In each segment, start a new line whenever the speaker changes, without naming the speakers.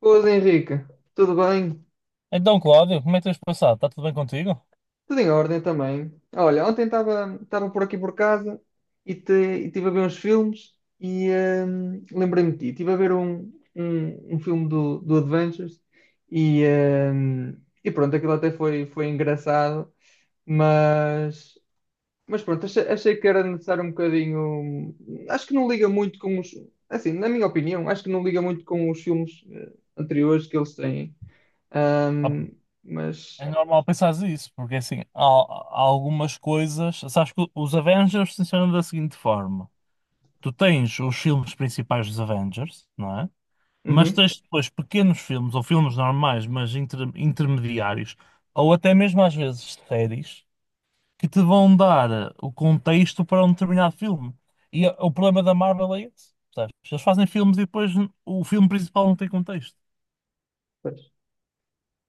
Boas, Henrique. Tudo bem?
Então, Cláudio, como é que tens passado? Está tudo bem contigo?
Tudo em ordem também. Olha, ontem estava por aqui por casa e estive a ver uns filmes lembrei-me de ti. Estive a ver um filme do Adventures e, hum, e pronto, aquilo até foi engraçado, mas, mas pronto, achei que era necessário um bocadinho. Acho que não liga muito com os. Assim, na minha opinião, acho que não liga muito com os filmes anteriores que eles têm.
Ah, pá,
Hum, mas
é normal pensares isso, porque assim, há algumas coisas. Sabes que os Avengers funcionam da seguinte forma: tu tens os filmes principais dos Avengers, não é? Mas
Uhum,
tens depois pequenos filmes, ou filmes normais, mas intermediários, ou até mesmo às vezes séries, que te vão dar o contexto para um determinado filme. E o problema da Marvel é esse, percebes? Eles fazem filmes e depois o filme principal não tem contexto.
pois.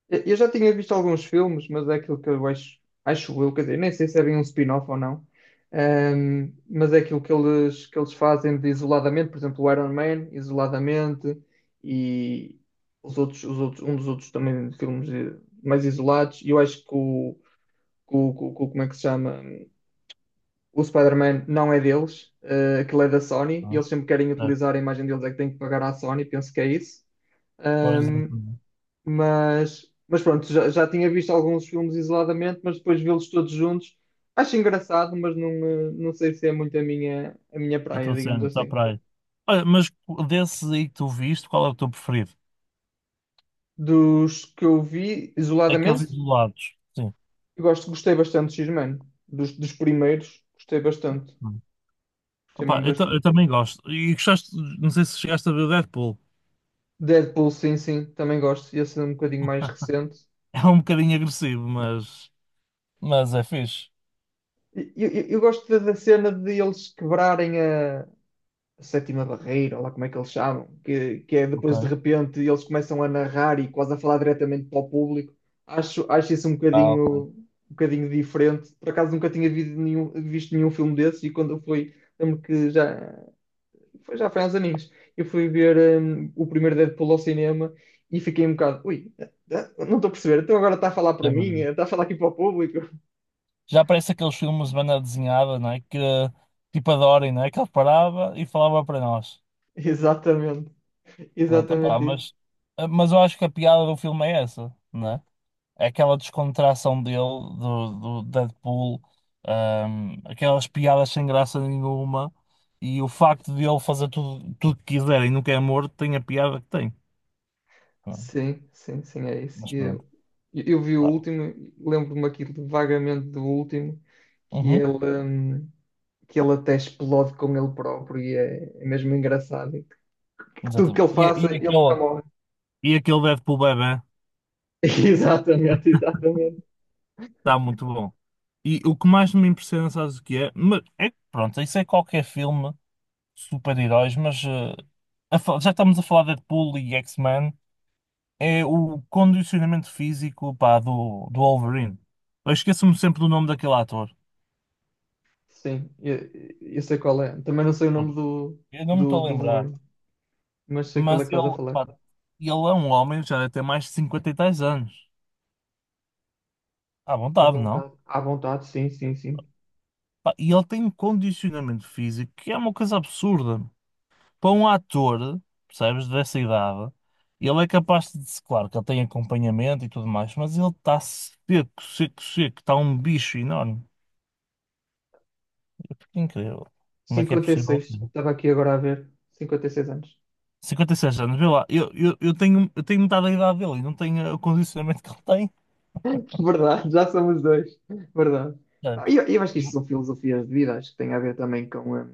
Eu já tinha visto alguns filmes, mas é aquilo que eu acho, acho eu, quer dizer, nem sei se é bem um spin-off ou não. Mas é aquilo que eles fazem de isoladamente, por exemplo, o Iron Man, isoladamente, e os outros, um dos outros também de filmes mais isolados, e eu acho como é que se chama? O Spider-Man não é deles, aquilo é da Sony, e
Não
eles sempre querem
é?
utilizar a imagem deles, é que têm que pagar à Sony, penso que é isso.
Pois, exatamente.
Mas pronto, já tinha visto alguns filmes isoladamente, mas depois vê-los todos juntos. Acho engraçado, mas não, não sei se é muito a minha
A
praia,
tua
digamos
está
assim.
para aí. Olha, mas desses aí que tu viste, qual é o teu preferido?
Dos que eu vi
Aqueles
isoladamente,
isolados. Sim.
gostei bastante de X-Men. Dos primeiros, gostei bastante.
Hum.
Gostei
Opa,
mesmo
eu
bastante.
também gosto. E gostaste, não sei se chegaste a ver o Deadpool.
Deadpool, sim, sim, também gosto. Esse é um bocadinho mais recente.
É um bocadinho agressivo, mas é fixe.
Eu gosto da cena de eles quebrarem a sétima barreira, ou lá como é que eles chamam, que é
Ok.
depois de repente eles começam a narrar e quase a falar diretamente para o público. Acho isso um
Ah, ok.
bocadinho, um bocadinho diferente. Por acaso nunca tinha visto nenhum filme desses e quando eu fui, lembro que já foi há uns aninhos, eu fui ver o primeiro Deadpool ao cinema e fiquei um bocado, ui, não estou a perceber, então agora está a falar
É
para mim,
verdade.
está a falar aqui para o público.
Já parece aqueles filmes de banda desenhada, não é? Que tipo adorem, não é? Que ele parava e falava para nós.
Exatamente,
Pronto, opa,
exatamente isso.
mas eu acho que a piada do filme é essa, não é? É aquela descontração dele, do Deadpool, aquelas piadas sem graça nenhuma, e o facto de ele fazer tudo, tudo que quiser e nunca é morto, tem a piada que tem. Ah,
Sim, sim, sim, é isso.
mas
E
pronto,
Eu, eu vi o
tá.
último, lembro-me aqui vagamente do último, que
Uhum,
ele, hum, que ele até explode com ele próprio e é mesmo engraçado. E que tudo que
exatamente.
ele
E,
faça,
e
ele nunca
aquele,
morre.
e aquele Deadpool bebé
Exatamente, exatamente.
está muito bom. E o que mais me impressiona, sabes o que é? Mas é que, pronto, isso é qualquer filme, de super-heróis, mas já estamos a falar de Deadpool e X-Men. É o condicionamento físico, pá, do Wolverine. Eu esqueço-me sempre do nome daquele ator.
Sim, eu sei qual é. Também não sei o nome do,
Eu não me
do,
estou a
do
lembrar.
Wolverine, mas sei qual
Mas
é que
ele,
estás a falar.
pá, ele é um homem, já deve ter mais de 50 e tais anos. À vontade, não?
À vontade, sim, sim, sim.
Pá, e ele tem um condicionamento físico que é uma coisa absurda. Para um ator, percebes, dessa idade, ele é capaz de. Claro que ele tem acompanhamento e tudo mais, mas ele está seco, seco, seco. Está um bicho enorme. Incrível. Como é que é
cinquenta e
possível?
seis estava aqui agora a ver, 56 anos.
56 anos, vê lá, eu tenho metade da idade dele e não tenho o condicionamento que ele tem,
Verdade, já somos dois. Verdade. Ah, E
sabes?
eu, eu acho que isto
E-
são filosofias de vida, acho que tem a ver também com, a-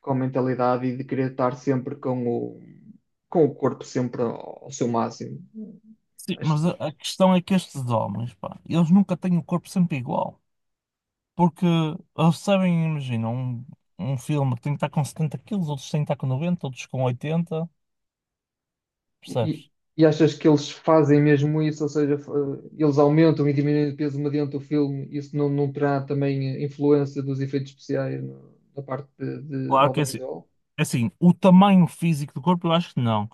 com a mentalidade e de querer estar sempre com o corpo sempre ao seu máximo.
Sim,
Acho
mas a,
que-
a questão é que estes homens, pá, eles nunca têm o corpo sempre igual. Porque eles sabem, imagina, um filme que tem que estar com 70 quilos, outros têm que estar com 90 outros com 80
e,
percebes?
e achas que eles fazem mesmo isso, ou seja, eles aumentam e diminuem o peso mediante o filme, isso não terá também influência dos efeitos especiais na parte de
Claro que é assim,
audiovisual?
é assim, o tamanho físico do corpo eu acho que não.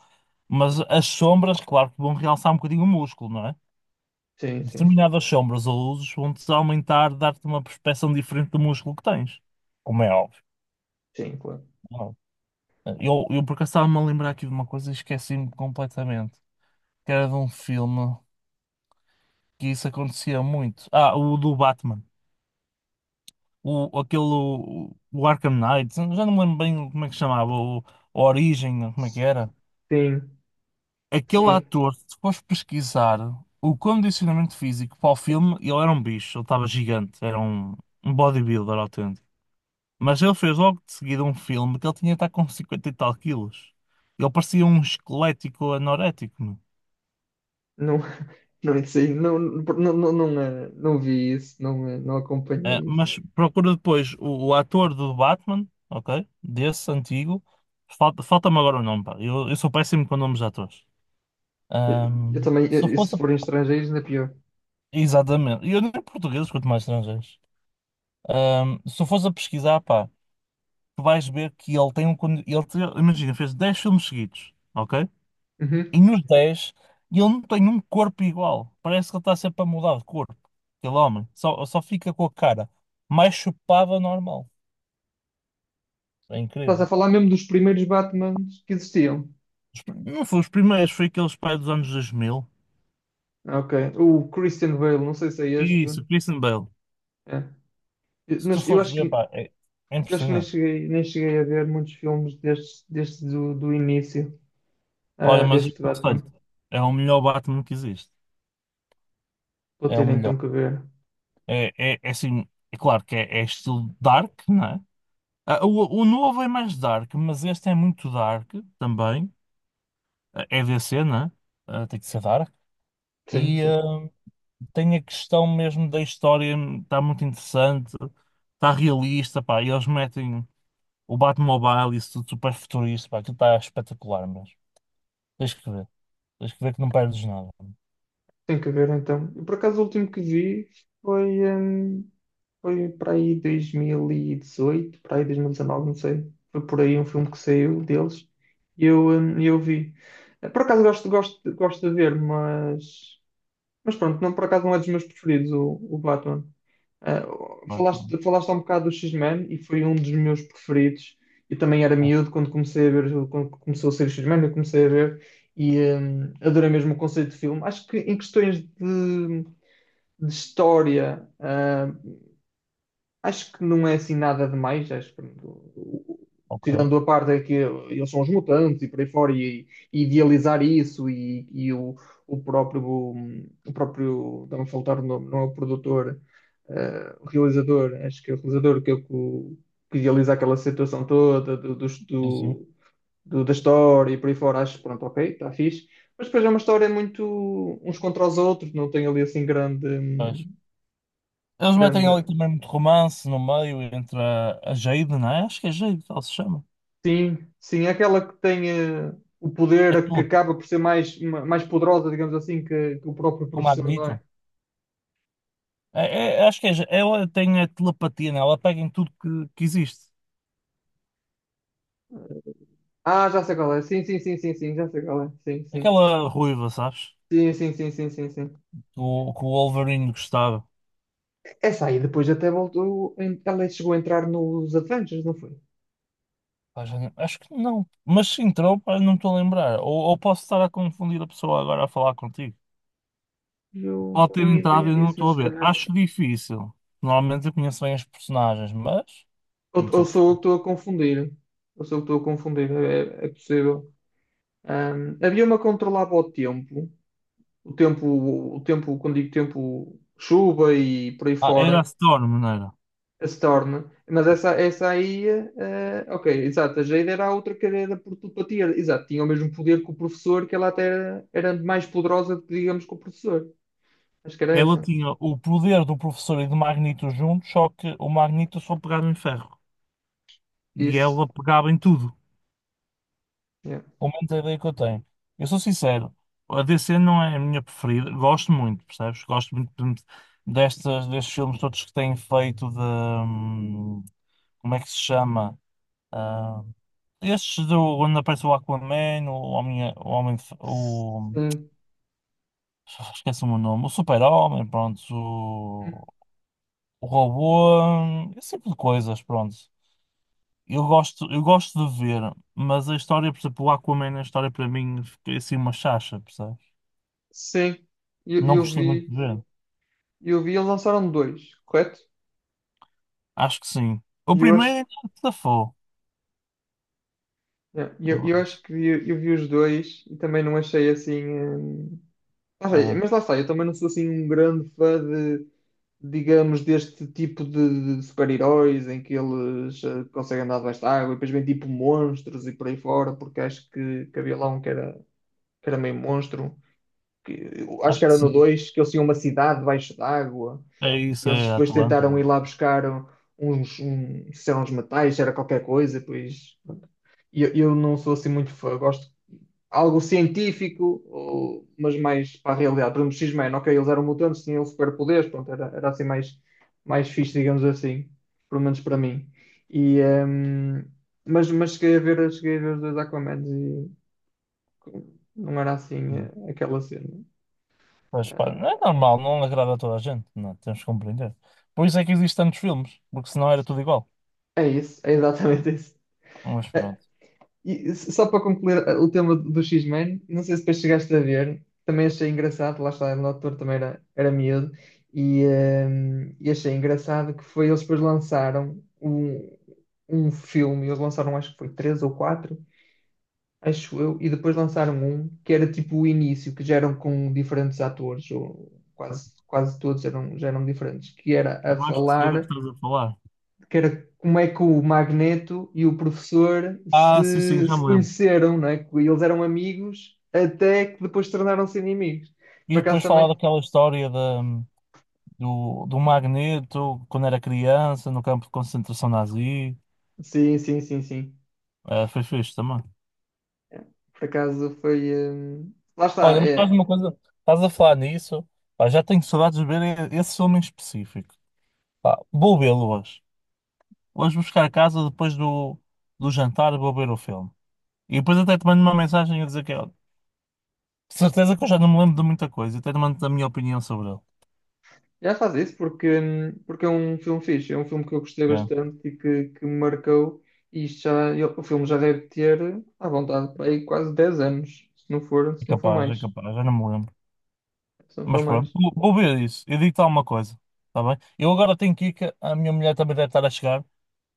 Mas as sombras, claro que vão realçar um bocadinho o músculo, não é?
Sim, sim, sim.
Determinadas sombras ou luzes vão-te aumentar, dar-te uma perspeção diferente do músculo que tens, como é óbvio.
Sim, claro.
Não é? Eu por acaso estava-me a lembrar aqui de uma coisa e esqueci-me completamente, que era de um filme que isso acontecia muito. Ah, o do Batman. O, aquele, o Arkham Knight, já não me lembro bem como é que se chamava, a Origem, como é que era.
Sim,
Aquele
sim.
ator, se fores pesquisar o condicionamento físico para o filme, ele era um bicho, ele estava gigante, era um bodybuilder autêntico. Mas ele fez logo de seguida um filme que ele tinha de estar com 50 e tal quilos. Ele parecia um esquelético anorético, meu.
Não, não sei, não, não, não, não, não vi isso, não, não
É,
acompanhei isso.
mas procura depois o ator do Batman, ok? Desse antigo. Falta-me agora o nome, pá. Eu sou péssimo com nomes de atores.
Eu, eu também,
Se eu
e se
fosse.
forem estrangeiros, ainda pior.
Exatamente. E eu nem português, quanto mais estrangeiros. Se eu fosse a pesquisar, pá, tu vais ver que ele tem um. Ele, imagina, fez 10 filmes seguidos, ok?
Uhum.
E nos 10, ele não tem um corpo igual. Parece que ele está sempre a mudar de corpo. Aquele homem. Só fica com a cara mais chupada normal. É
Estás
incrível.
a falar mesmo dos primeiros Batmans que existiam.
Não foi os primeiros, foi aqueles pais dos anos 2000.
Ah, ok. O Christian Bale, não sei se é este.
Isso, o Christian Bale.
É. Eu,
Se tu
mas eu
fores
acho
ver,
que,
pá, é
eu acho que nem
impressionante.
cheguei, nem cheguei a ver muitos filmes destes, destes do início,
Olha, mas eu
deste Batman.
aconselho-te. É o melhor Batman que existe.
Vou
É o
ter
melhor.
então que ver.
É assim, é claro que é estilo dark, não é? Ah, o novo é mais dark, mas este é muito dark também. É DC, né? Tem que ser Dark.
Sim,
E
sim.
tem a questão mesmo da história, está muito interessante, está realista, pá. E eles metem o Batmobile, e isso tudo super futurista, pá. Aquilo está espetacular mesmo. Tens que ver. Tens que ver que não perdes nada.
Tem que ver então. Eu, por acaso, o último que vi foi, hum, foi para aí 2018, para aí 2019, não sei. Foi por aí um filme que saiu deles e eu vi. Por acaso gosto de ver, mas pronto, não, por acaso não é dos meus preferidos o Batman. Ah,
Ah, pronto.
falaste há um bocado do X-Men e foi um dos meus preferidos. Eu também era
Ah,
miúdo quando comecei a ver, quando começou a ser o X-Men, eu comecei a ver adorei mesmo o conceito de filme. Acho que em questões de história, acho que não é assim nada demais, acho que
ok.
tirando a parte é que eles são os mutantes e por aí fora, e idealizar isso, e o próprio, estava a faltar o nome, não é o produtor, o realizador, acho que é o realizador que, é o- que idealiza aquela situação toda do, dos-
Sim, sim.
do- do- da história e por aí fora, acho que pronto, ok, está fixe. Mas depois é uma história muito uns contra os outros, não tem ali assim grande,
Pois.
hum,
Eles metem ali
grande
também muito romance no meio entre a Jade, não é? Acho que é Jade, que ela se chama.
Sim, sim, é aquela que tem o
É
poder que
tudo,
acaba por ser mais poderosa, digamos assim, que o próprio
com o
professor, não é?
Magneto. É, acho que ela tem a telepatia, né? Ela pega em tudo que existe.
Ah, já sei qual é. Sim, sim, sim, sim, sim, já sei qual é. Sim, sim.
Aquela ruiva, sabes?
Sim, sim, sim, sim, sim, sim.
Que o Wolverine gostava.
Essa aí depois até voltou. Ela chegou a entrar nos Avengers, não foi?
Pá, já não- acho que não. Mas se entrou, pá, não estou a lembrar. Ou posso estar a confundir a pessoa agora a falar contigo.
Eu
Pode ter
tenho ideia
entrado e não
disso, mas
estou a
se
ver.
calhar.
Acho difícil. Normalmente eu conheço bem as personagens, mas não
Ou
sou
sou eu que
perfeito.
estou a confundir. Ou sou eu que estou a confundir, é, é possível. Havia uma que controlava o tempo. O tempo, o tempo, quando digo tempo, chuva e por aí
Ah, era a
fora
Storm, não era?
se torna, mas essa aí, ok, exato, a Jade era a outra cadeira por telepatia, exato, tinha o mesmo poder que o professor, que ela até era mais poderosa, digamos, que o professor, acho que era
Ela
essa,
tinha o poder do professor e do Magneto juntos, só que o Magneto só pegava em ferro. E
isso,
ela pegava em tudo.
yeah.
Aumenta a ideia que eu tenho. Eu sou sincero, a DC não é a minha preferida. Gosto muito, percebes? Gosto muito destes filmes todos que têm feito de. Como é que se chama? Ah, estes do, onde aparece o Aquaman, o Homem,
Sim,
esquece-me o nome, o Super-Homem, pronto, o Robô, esse tipo de coisas, pronto. Eu gosto de ver, mas a história, por exemplo, o Aquaman, a história para mim, fica assim uma chacha, percebes?
sim, eu,
Não
eu
gostei muito
vi,
de ver.
eu vi, eles lançaram dois, correto?
Acho que sim. O
E eu
primeiro
acho,
é que safou,
yeah, eu,
eu
eu
acho.
acho que vi os dois e também não achei assim, não sei,
Ah,
mas lá está, eu também não sou assim um grande fã de digamos, deste tipo de super-heróis em que eles conseguem andar debaixo da água e depois vem tipo monstros e por aí fora, porque acho que havia lá um que era meio monstro, que, eu acho que
acho que
era no
sim.
2 que eles tinham uma cidade debaixo d'água
É isso,
e eles
é
depois
Atlanta.
tentaram ir
Não.
lá buscar se eram uns metais, se era qualquer coisa, e depois. E eu não sou assim muito fã, gosto algo científico, mas mais para a realidade. Por exemplo, X-Men, ok, eles eram mutantes, tinham superpoderes, pronto, era assim mais fixe, digamos assim, pelo menos para mim. E, mas cheguei a ver os dois Aquamans e não era assim
Não.
aquela cena.
Mas, pá, não é normal, não agrada a toda a gente. Não, é? Temos que compreender. Por isso é que existem tantos filmes, porque senão era tudo igual.
É isso, é exatamente isso.
Mas pronto.
E só para concluir o tema do X-Men, não sei se depois chegaste a ver, também achei engraçado, lá está, o autor também era miúdo, e achei engraçado que foi, eles depois lançaram um filme, eles lançaram acho que foi três ou quatro, acho eu, e depois lançaram um que era tipo o início, que já eram com diferentes atores, ou quase, quase todos eram, já eram diferentes, que era a
Eu acho que sei do que
falar
estás a falar.
que era como é que o Magneto e o professor
Ah, sim, sim,
se,
já
se
me lembro.
conheceram, não é? Que eles eram amigos até que depois tornaram-se inimigos.
E
Por acaso
depois falar
também?
daquela história do Magneto, quando era criança, no campo de concentração nazi.
Sim, sim, sim, sim.
Ah, foi fixe também.
Por acaso foi. Lá
Olha,
está,
mas estás uma coisa, estás a falar nisso, pá, já tenho saudades de ver esse filme em específico. Pá, vou vê-lo hoje. Hoje vou buscar a casa depois do jantar, vou ver o filme. E depois até te mando uma mensagem a dizer que, olha, de certeza que eu já não me lembro de muita coisa, até te mando a minha opinião sobre ele.
já faz isso porque é um filme fixe, é um filme que, eu gostei
É,
bastante e que me marcou. E isto já, o filme já deve ter, à vontade, para aí quase 10 anos, se não for,
é
se não for
capaz, é
mais.
capaz, já não me lembro.
Se não for
Mas pronto,
mais.
vou ver isso, eu digo-te alguma coisa, está bem? Eu agora tenho que ir, que a minha mulher também deve estar a chegar,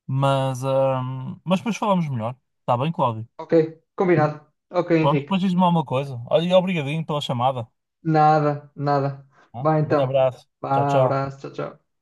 mas depois falamos melhor, está bem, Cláudio?
Ok, combinado. Ok,
Pronto, depois
Henrique.
diz-me alguma coisa. Olha, e obrigadinho pela chamada.
Nada, nada.
Tá?
Vai
Um grande
então.
abraço. Tchau,
Vá,
tchau.
abraço, tchau, tchau.